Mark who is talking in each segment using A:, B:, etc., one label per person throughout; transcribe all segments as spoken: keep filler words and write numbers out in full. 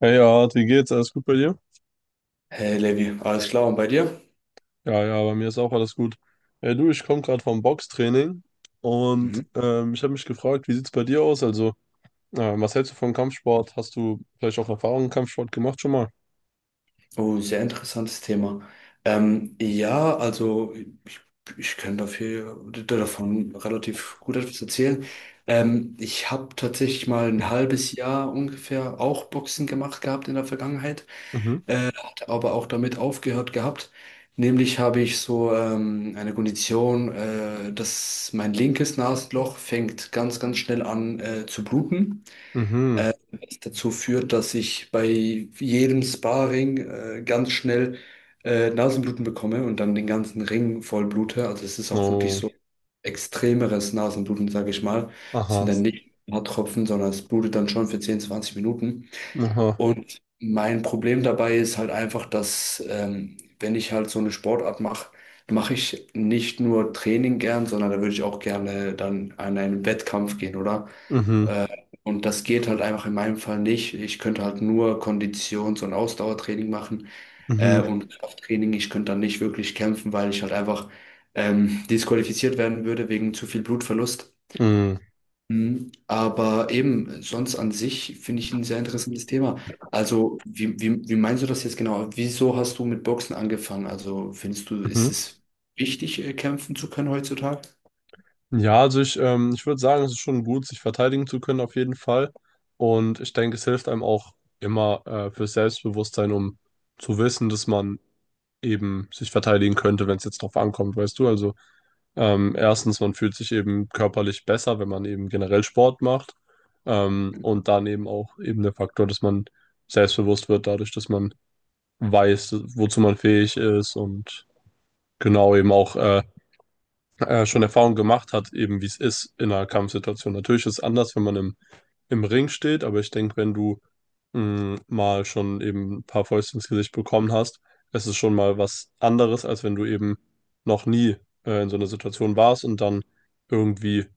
A: Hey, Art, wie geht's? Alles gut bei dir?
B: Hey Levi, alles klar und bei dir?
A: Ja, ja, bei mir ist auch alles gut. Hey, du, ich komme gerade vom Boxtraining und
B: Mhm.
A: ähm, ich habe mich gefragt, wie sieht's bei dir aus? Also, äh, was hältst du von Kampfsport? Hast du vielleicht auch Erfahrungen im Kampfsport gemacht schon mal?
B: Oh, sehr interessantes Thema. Ähm, ja, also ich, ich kann dafür, davon relativ gut etwas erzählen. Ähm, ich habe tatsächlich mal ein halbes Jahr ungefähr auch Boxen gemacht gehabt in der Vergangenheit,
A: Mhm,
B: aber auch damit aufgehört gehabt. Nämlich habe ich so ähm, eine Kondition, äh, dass mein linkes Nasenloch fängt ganz, ganz schnell an äh, zu bluten.
A: mhm,
B: Dazu führt, dass ich bei jedem Sparring äh, ganz schnell äh, Nasenbluten bekomme und dann den ganzen Ring voll blute. Also es ist auch wirklich
A: oh,
B: so extremeres Nasenbluten, sage ich mal. Es sind
A: aha,
B: dann nicht ein paar Tropfen, sondern es blutet dann schon für zehn, zwanzig Minuten.
A: aha,
B: Und mein Problem dabei ist halt einfach, dass ähm, wenn ich halt so eine Sportart mache, mache ich nicht nur Training gern, sondern da würde ich auch gerne dann an einen Wettkampf gehen, oder?
A: mhm,
B: Äh, und das geht halt einfach in meinem Fall nicht. Ich könnte halt nur Konditions- und Ausdauertraining machen äh,
A: mhm,
B: und Krafttraining. Ich könnte dann nicht wirklich kämpfen, weil ich halt einfach ähm, disqualifiziert werden würde wegen zu viel Blutverlust.
A: mhm,
B: Mhm. Aber eben, sonst an sich finde ich ein sehr interessantes Thema. Also, wie, wie, wie meinst du das jetzt genau? Wieso hast du mit Boxen angefangen? Also, findest du, ist
A: mhm.
B: es wichtig, äh, kämpfen zu können heutzutage?
A: Ja, also ich, ähm, ich würde sagen, es ist schon gut, sich verteidigen zu können auf jeden Fall. Und ich denke, es hilft einem auch immer äh, fürs Selbstbewusstsein, um zu wissen, dass man eben sich verteidigen könnte, wenn es jetzt drauf ankommt, weißt du? Also ähm, erstens, man fühlt sich eben körperlich besser, wenn man eben generell Sport macht. Ähm, und dann eben auch eben der Faktor, dass man selbstbewusst wird, dadurch, dass man weiß, wozu man fähig ist und genau eben auch äh, äh, schon Erfahrung gemacht hat, eben wie es ist in einer Kampfsituation. Natürlich ist es anders, wenn man im, im Ring steht, aber ich denke, wenn du mh, mal schon eben ein paar Fäuste ins Gesicht bekommen hast, es ist schon mal was anderes, als wenn du eben noch nie äh, in so einer Situation warst und dann irgendwie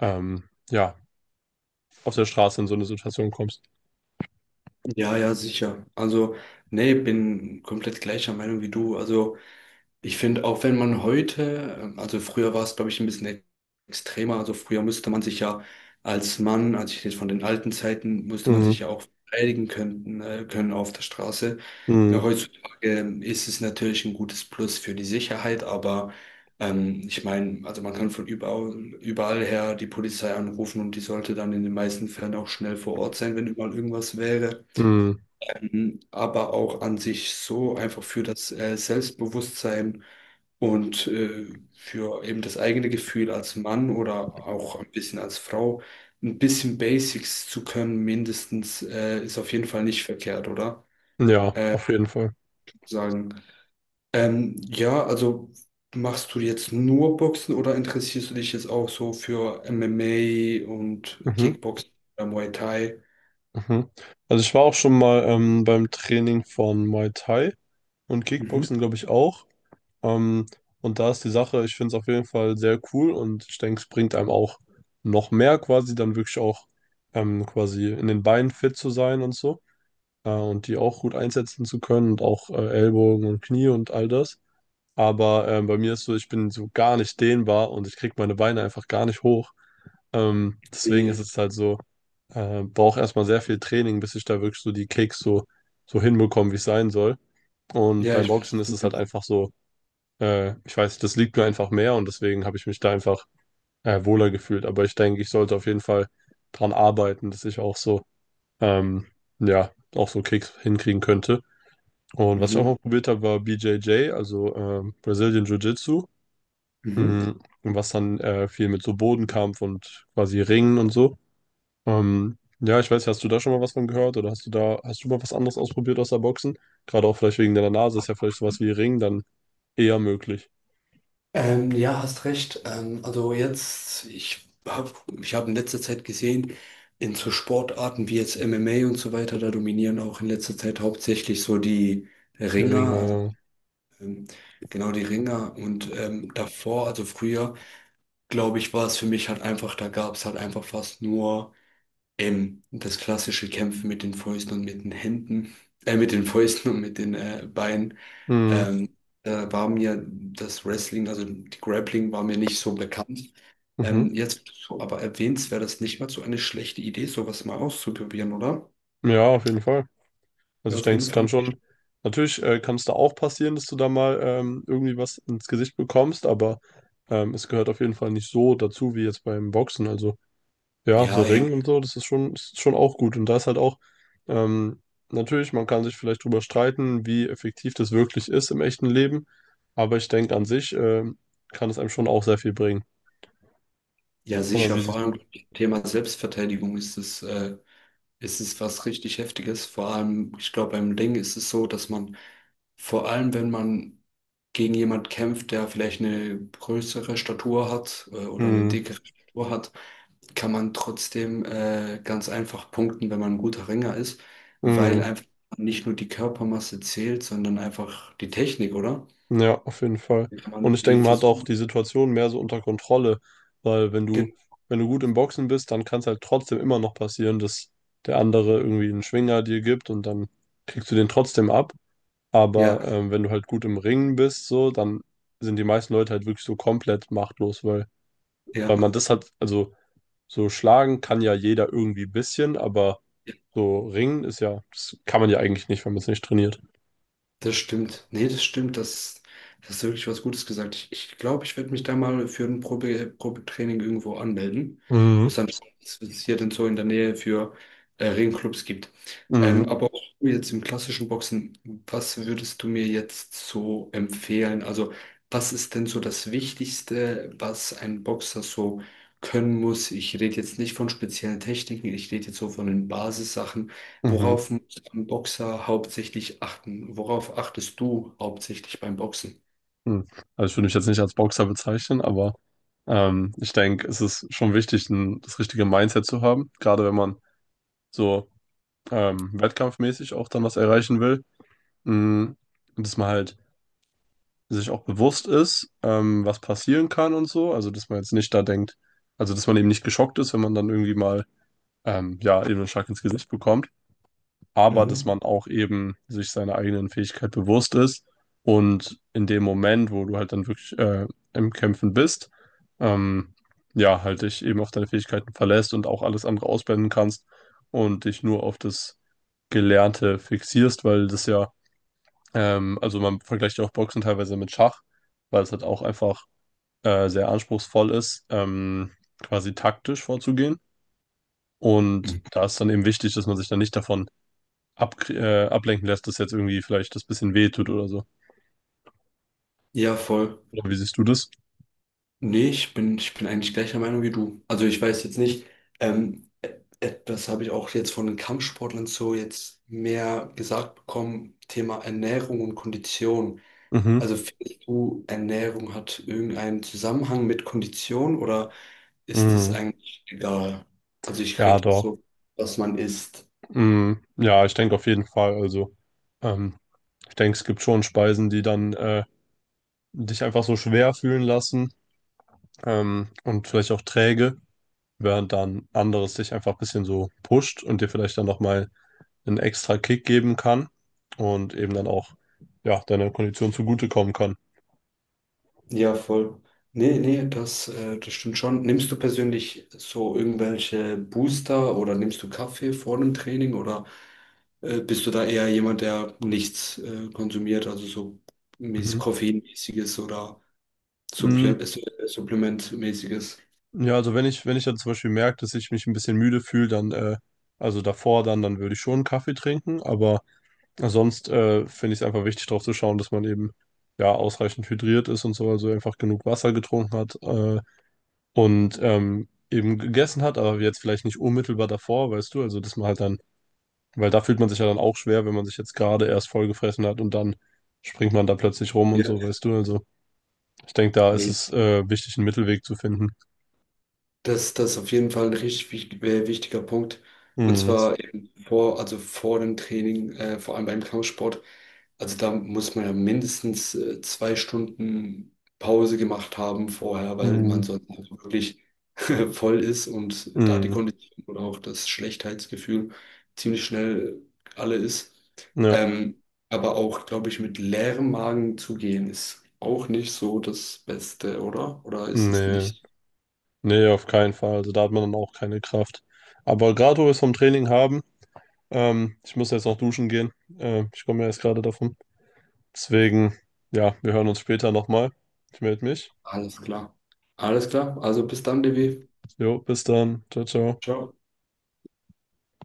A: ähm, ja, auf der Straße in so eine Situation kommst.
B: Ja, ja, sicher. Also, nee, bin komplett gleicher Meinung wie du. Also, ich finde, auch wenn man heute, ähm, also früher war es, glaube ich, ein bisschen ex- extremer. Also, früher musste man sich ja als Mann, also ich rede von den alten Zeiten, musste man
A: Mhm,
B: sich ja auch verteidigen können, äh, können auf der Straße.
A: mh,
B: Ja, heutzutage ist es natürlich ein gutes Plus für die Sicherheit, aber ähm, ich meine, also man kann von überall, überall her die Polizei anrufen und die sollte dann in den meisten Fällen auch schnell vor Ort sein, wenn überall irgendwas wäre,
A: mh,
B: aber auch an sich so einfach für das äh, Selbstbewusstsein und äh, für eben das eigene Gefühl als Mann oder auch ein bisschen als Frau, ein bisschen Basics zu können, mindestens, äh, ist auf jeden Fall nicht verkehrt, oder?
A: ja, auf jeden Fall.
B: Sagen. Ähm, ja, also machst du jetzt nur Boxen oder interessierst du dich jetzt auch so für M M A und
A: Mhm,
B: Kickboxen oder Muay Thai?
A: mhm. Also ich war auch schon mal ähm, beim Training von Muay Thai und
B: Mhm.
A: Kickboxen, glaube ich, auch. Ähm, und da ist die Sache, ich finde es auf jeden Fall sehr cool und ich denke, es bringt einem auch noch mehr quasi, dann wirklich auch ähm, quasi in den Beinen fit zu sein und so äh, und die auch gut einsetzen zu können und auch äh, Ellbogen und Knie und all das. Aber ähm, bei mir ist so, ich bin so gar nicht dehnbar und ich kriege meine Beine einfach gar nicht hoch. Ähm, deswegen ist
B: Wie-
A: es halt so, äh, brauche erstmal sehr viel Training, bis ich da wirklich so die Kicks so, so hinbekomme, wie es sein soll. Und
B: Ja,
A: beim
B: ich weiß,
A: Boxen
B: was
A: ist
B: du
A: es halt
B: meinst.
A: einfach so. Äh, ich weiß, das liegt mir einfach mehr und deswegen habe ich mich da einfach äh, wohler gefühlt. Aber ich denke, ich sollte auf jeden Fall dran arbeiten, dass ich auch so, ähm, ja, auch so Kicks hinkriegen könnte. Und was ich auch mal
B: Mhm.
A: probiert habe, war B J J, also ähm, Brazilian Jiu-Jitsu,
B: Mhm.
A: mhm. Was dann äh, viel mit so Bodenkampf und quasi Ringen und so. Ähm, ja, ich weiß, hast du da schon mal was von gehört oder hast du da, hast du mal was anderes ausprobiert außer Boxen? Gerade auch vielleicht wegen deiner Nase ist ja vielleicht sowas wie Ring dann eher möglich.
B: Ähm, ja, hast recht. Ähm, also jetzt, ich habe ich hab in letzter Zeit gesehen, in so Sportarten wie jetzt M M A und so weiter, da dominieren auch in letzter Zeit hauptsächlich so die
A: Die
B: Ringer, also
A: Ringe.
B: ähm, genau die Ringer. Und ähm, davor, also früher, glaube ich, war es für mich halt einfach, da gab es halt einfach fast nur ähm, das klassische Kämpfen mit den Fäusten und mit den Händen, äh, mit den Fäusten und mit den äh, Beinen. Ähm, Da war mir das Wrestling, also die Grappling war mir nicht so bekannt.
A: Mhm.
B: Ähm, jetzt, wo du so, aber erwähnst, wäre das nicht mal so eine schlechte Idee, sowas mal auszuprobieren, oder?
A: Ja, auf jeden Fall. Also
B: Ja,
A: ich
B: auf
A: denke,
B: jeden
A: es kann
B: Fall.
A: schon, natürlich äh, kann es da auch passieren, dass du da mal ähm, irgendwie was ins Gesicht bekommst, aber ähm, es gehört auf jeden Fall nicht so dazu wie jetzt beim Boxen. Also ja, so
B: Ja,
A: Ringen
B: eben.
A: und so, das ist schon, ist schon auch gut. Und da ist halt auch, ähm, natürlich, man kann sich vielleicht drüber streiten, wie effektiv das wirklich ist im echten Leben, aber ich denke, an sich ähm, kann es einem schon auch sehr viel bringen.
B: Ja,
A: Oder
B: sicher.
A: wie
B: Vor
A: siehst du
B: allem
A: das?
B: Thema Selbstverteidigung ist es, äh, ist es was richtig Heftiges. Vor allem, ich glaube, beim Ring ist es so, dass man, vor allem wenn man gegen jemand kämpft, der vielleicht eine größere Statur hat, äh, oder eine
A: Mhm.
B: dickere Statur hat, kann man trotzdem äh, ganz einfach punkten, wenn man ein guter Ringer ist, weil
A: Mhm.
B: einfach nicht nur die Körpermasse zählt, sondern einfach die Technik, oder?
A: Ja, auf jeden Fall.
B: Kann man
A: Und ich
B: irgendwie
A: denke, man hat auch
B: versuchen.
A: die Situation mehr so unter Kontrolle, weil wenn du,
B: ge-
A: wenn du gut im Boxen bist, dann kann es halt trotzdem immer noch passieren, dass der andere irgendwie einen Schwinger dir gibt und dann kriegst du den trotzdem ab. Aber
B: Ja,
A: ähm, wenn du halt gut im Ringen bist, so, dann sind die meisten Leute halt wirklich so komplett machtlos, weil, weil
B: ja.
A: man das hat, also so schlagen kann ja jeder irgendwie ein bisschen, aber so ringen ist ja, das kann man ja eigentlich nicht, wenn man es nicht trainiert.
B: Das stimmt. Nee, das stimmt. Das, das ist wirklich was Gutes gesagt. Ich glaube, ich, glaub, ich werde mich da mal für ein Probe, Probetraining irgendwo anmelden.
A: Mhm.
B: Muss dann schauen, was es hier denn so in der Nähe für äh, Ringclubs gibt.
A: Mhm.
B: Ähm, aber auch jetzt im klassischen Boxen, was würdest du mir jetzt so empfehlen? Also, was ist denn so das Wichtigste, was ein Boxer so können muss? Ich rede jetzt nicht von speziellen Techniken, ich rede jetzt so von den Basissachen.
A: Mhm.
B: Worauf beim Boxer hauptsächlich achten? Worauf achtest du hauptsächlich beim Boxen?
A: Hm. Also ich würde mich jetzt nicht als Boxer bezeichnen, aber ähm, ich denke, es ist schon wichtig, ein, das richtige Mindset zu haben, gerade wenn man so ähm, wettkampfmäßig auch dann was erreichen will. Hm. Und dass man halt sich auch bewusst ist, ähm, was passieren kann und so, also dass man jetzt nicht da denkt, also dass man eben nicht geschockt ist, wenn man dann irgendwie mal ähm, ja eben einen Schlag ins Gesicht bekommt. Aber dass
B: Mhm.
A: man auch eben sich seiner eigenen Fähigkeit bewusst ist und in dem Moment, wo du halt dann wirklich äh, im Kämpfen bist, ähm, ja, halt dich eben auf deine Fähigkeiten verlässt und auch alles andere ausblenden kannst und dich nur auf das Gelernte fixierst, weil das ja, ähm, also man vergleicht ja auch Boxen teilweise mit Schach, weil es halt auch einfach äh, sehr anspruchsvoll ist, ähm, quasi taktisch vorzugehen. Und
B: Mhm.
A: da ist dann eben wichtig, dass man sich dann nicht davon ab, äh, ablenken lässt, das jetzt irgendwie vielleicht das bisschen wehtut oder so.
B: Ja, voll.
A: Oder wie siehst du das?
B: Nee, ich bin, ich bin eigentlich gleicher Meinung wie du. Also ich weiß jetzt nicht, ähm, e- etwas habe ich auch jetzt von den Kampfsportlern so jetzt mehr gesagt bekommen, Thema Ernährung und Kondition.
A: Mhm.
B: Also findest du, Ernährung hat irgendeinen Zusammenhang mit Kondition oder ist es
A: Mhm.
B: eigentlich egal? Also ich
A: Ja,
B: rede jetzt
A: doch.
B: so, was man isst.
A: Mhm. Ja, ich denke auf jeden Fall. Also, ähm, ich denke, es gibt schon Speisen, die dann äh, dich einfach so schwer fühlen lassen ähm, und vielleicht auch träge, während dann anderes dich einfach ein bisschen so pusht und dir vielleicht dann nochmal einen extra Kick geben kann und eben dann auch ja, deiner Kondition zugutekommen kann.
B: Ja, voll. Nee, nee, das, äh, das stimmt schon. Nimmst du persönlich so irgendwelche Booster oder nimmst du Kaffee vor einem Training oder äh, bist du da eher jemand, der nichts äh, konsumiert, also so
A: Mhm.
B: mäßig koffeinmäßiges oder Supple
A: Mm.
B: äh, Supplementmäßiges?
A: Ja, also wenn ich, wenn ich dann zum Beispiel merke, dass ich mich ein bisschen müde fühle, dann, äh, also davor dann, dann würde ich schon einen Kaffee trinken, aber sonst äh, finde ich es einfach wichtig, darauf zu schauen, dass man eben ja ausreichend hydriert ist und so, also einfach genug Wasser getrunken hat, äh, und ähm, eben gegessen hat, aber jetzt vielleicht nicht unmittelbar davor, weißt du, also dass man halt dann, weil da fühlt man sich ja dann auch schwer, wenn man sich jetzt gerade erst vollgefressen hat und dann springt man da plötzlich rum und so,
B: Ja,
A: weißt du, also ich denke, da ist
B: nee.
A: es äh, wichtig, einen Mittelweg zu finden.
B: Das, das ist auf jeden Fall ein richtig wich- äh, wichtiger Punkt. Und
A: Mm,
B: zwar eben vor, also vor dem Training, äh, vor allem beim Kampfsport. Also da muss man ja mindestens äh, zwei Stunden Pause gemacht haben vorher, weil
A: mm,
B: man sonst einfach wirklich voll ist und da die
A: mm,
B: Kondition oder auch das Schlechtheitsgefühl ziemlich schnell alle ist.
A: ja,
B: Ähm, aber auch, glaube ich, mit leerem Magen zu gehen, ist auch nicht so das Beste, oder? Oder ist es
A: nee,
B: nicht?
A: nee, auf keinen Fall, also da hat man dann auch keine Kraft. Aber gerade wo wir es vom Training haben, ähm, ich muss jetzt noch duschen gehen, äh, ich komme ja erst gerade davon, deswegen, ja, wir hören uns später nochmal. Ich melde mich.
B: Alles klar. Alles klar. Also bis dann, Devi.
A: Jo, bis dann. Ciao, ciao.
B: Ciao.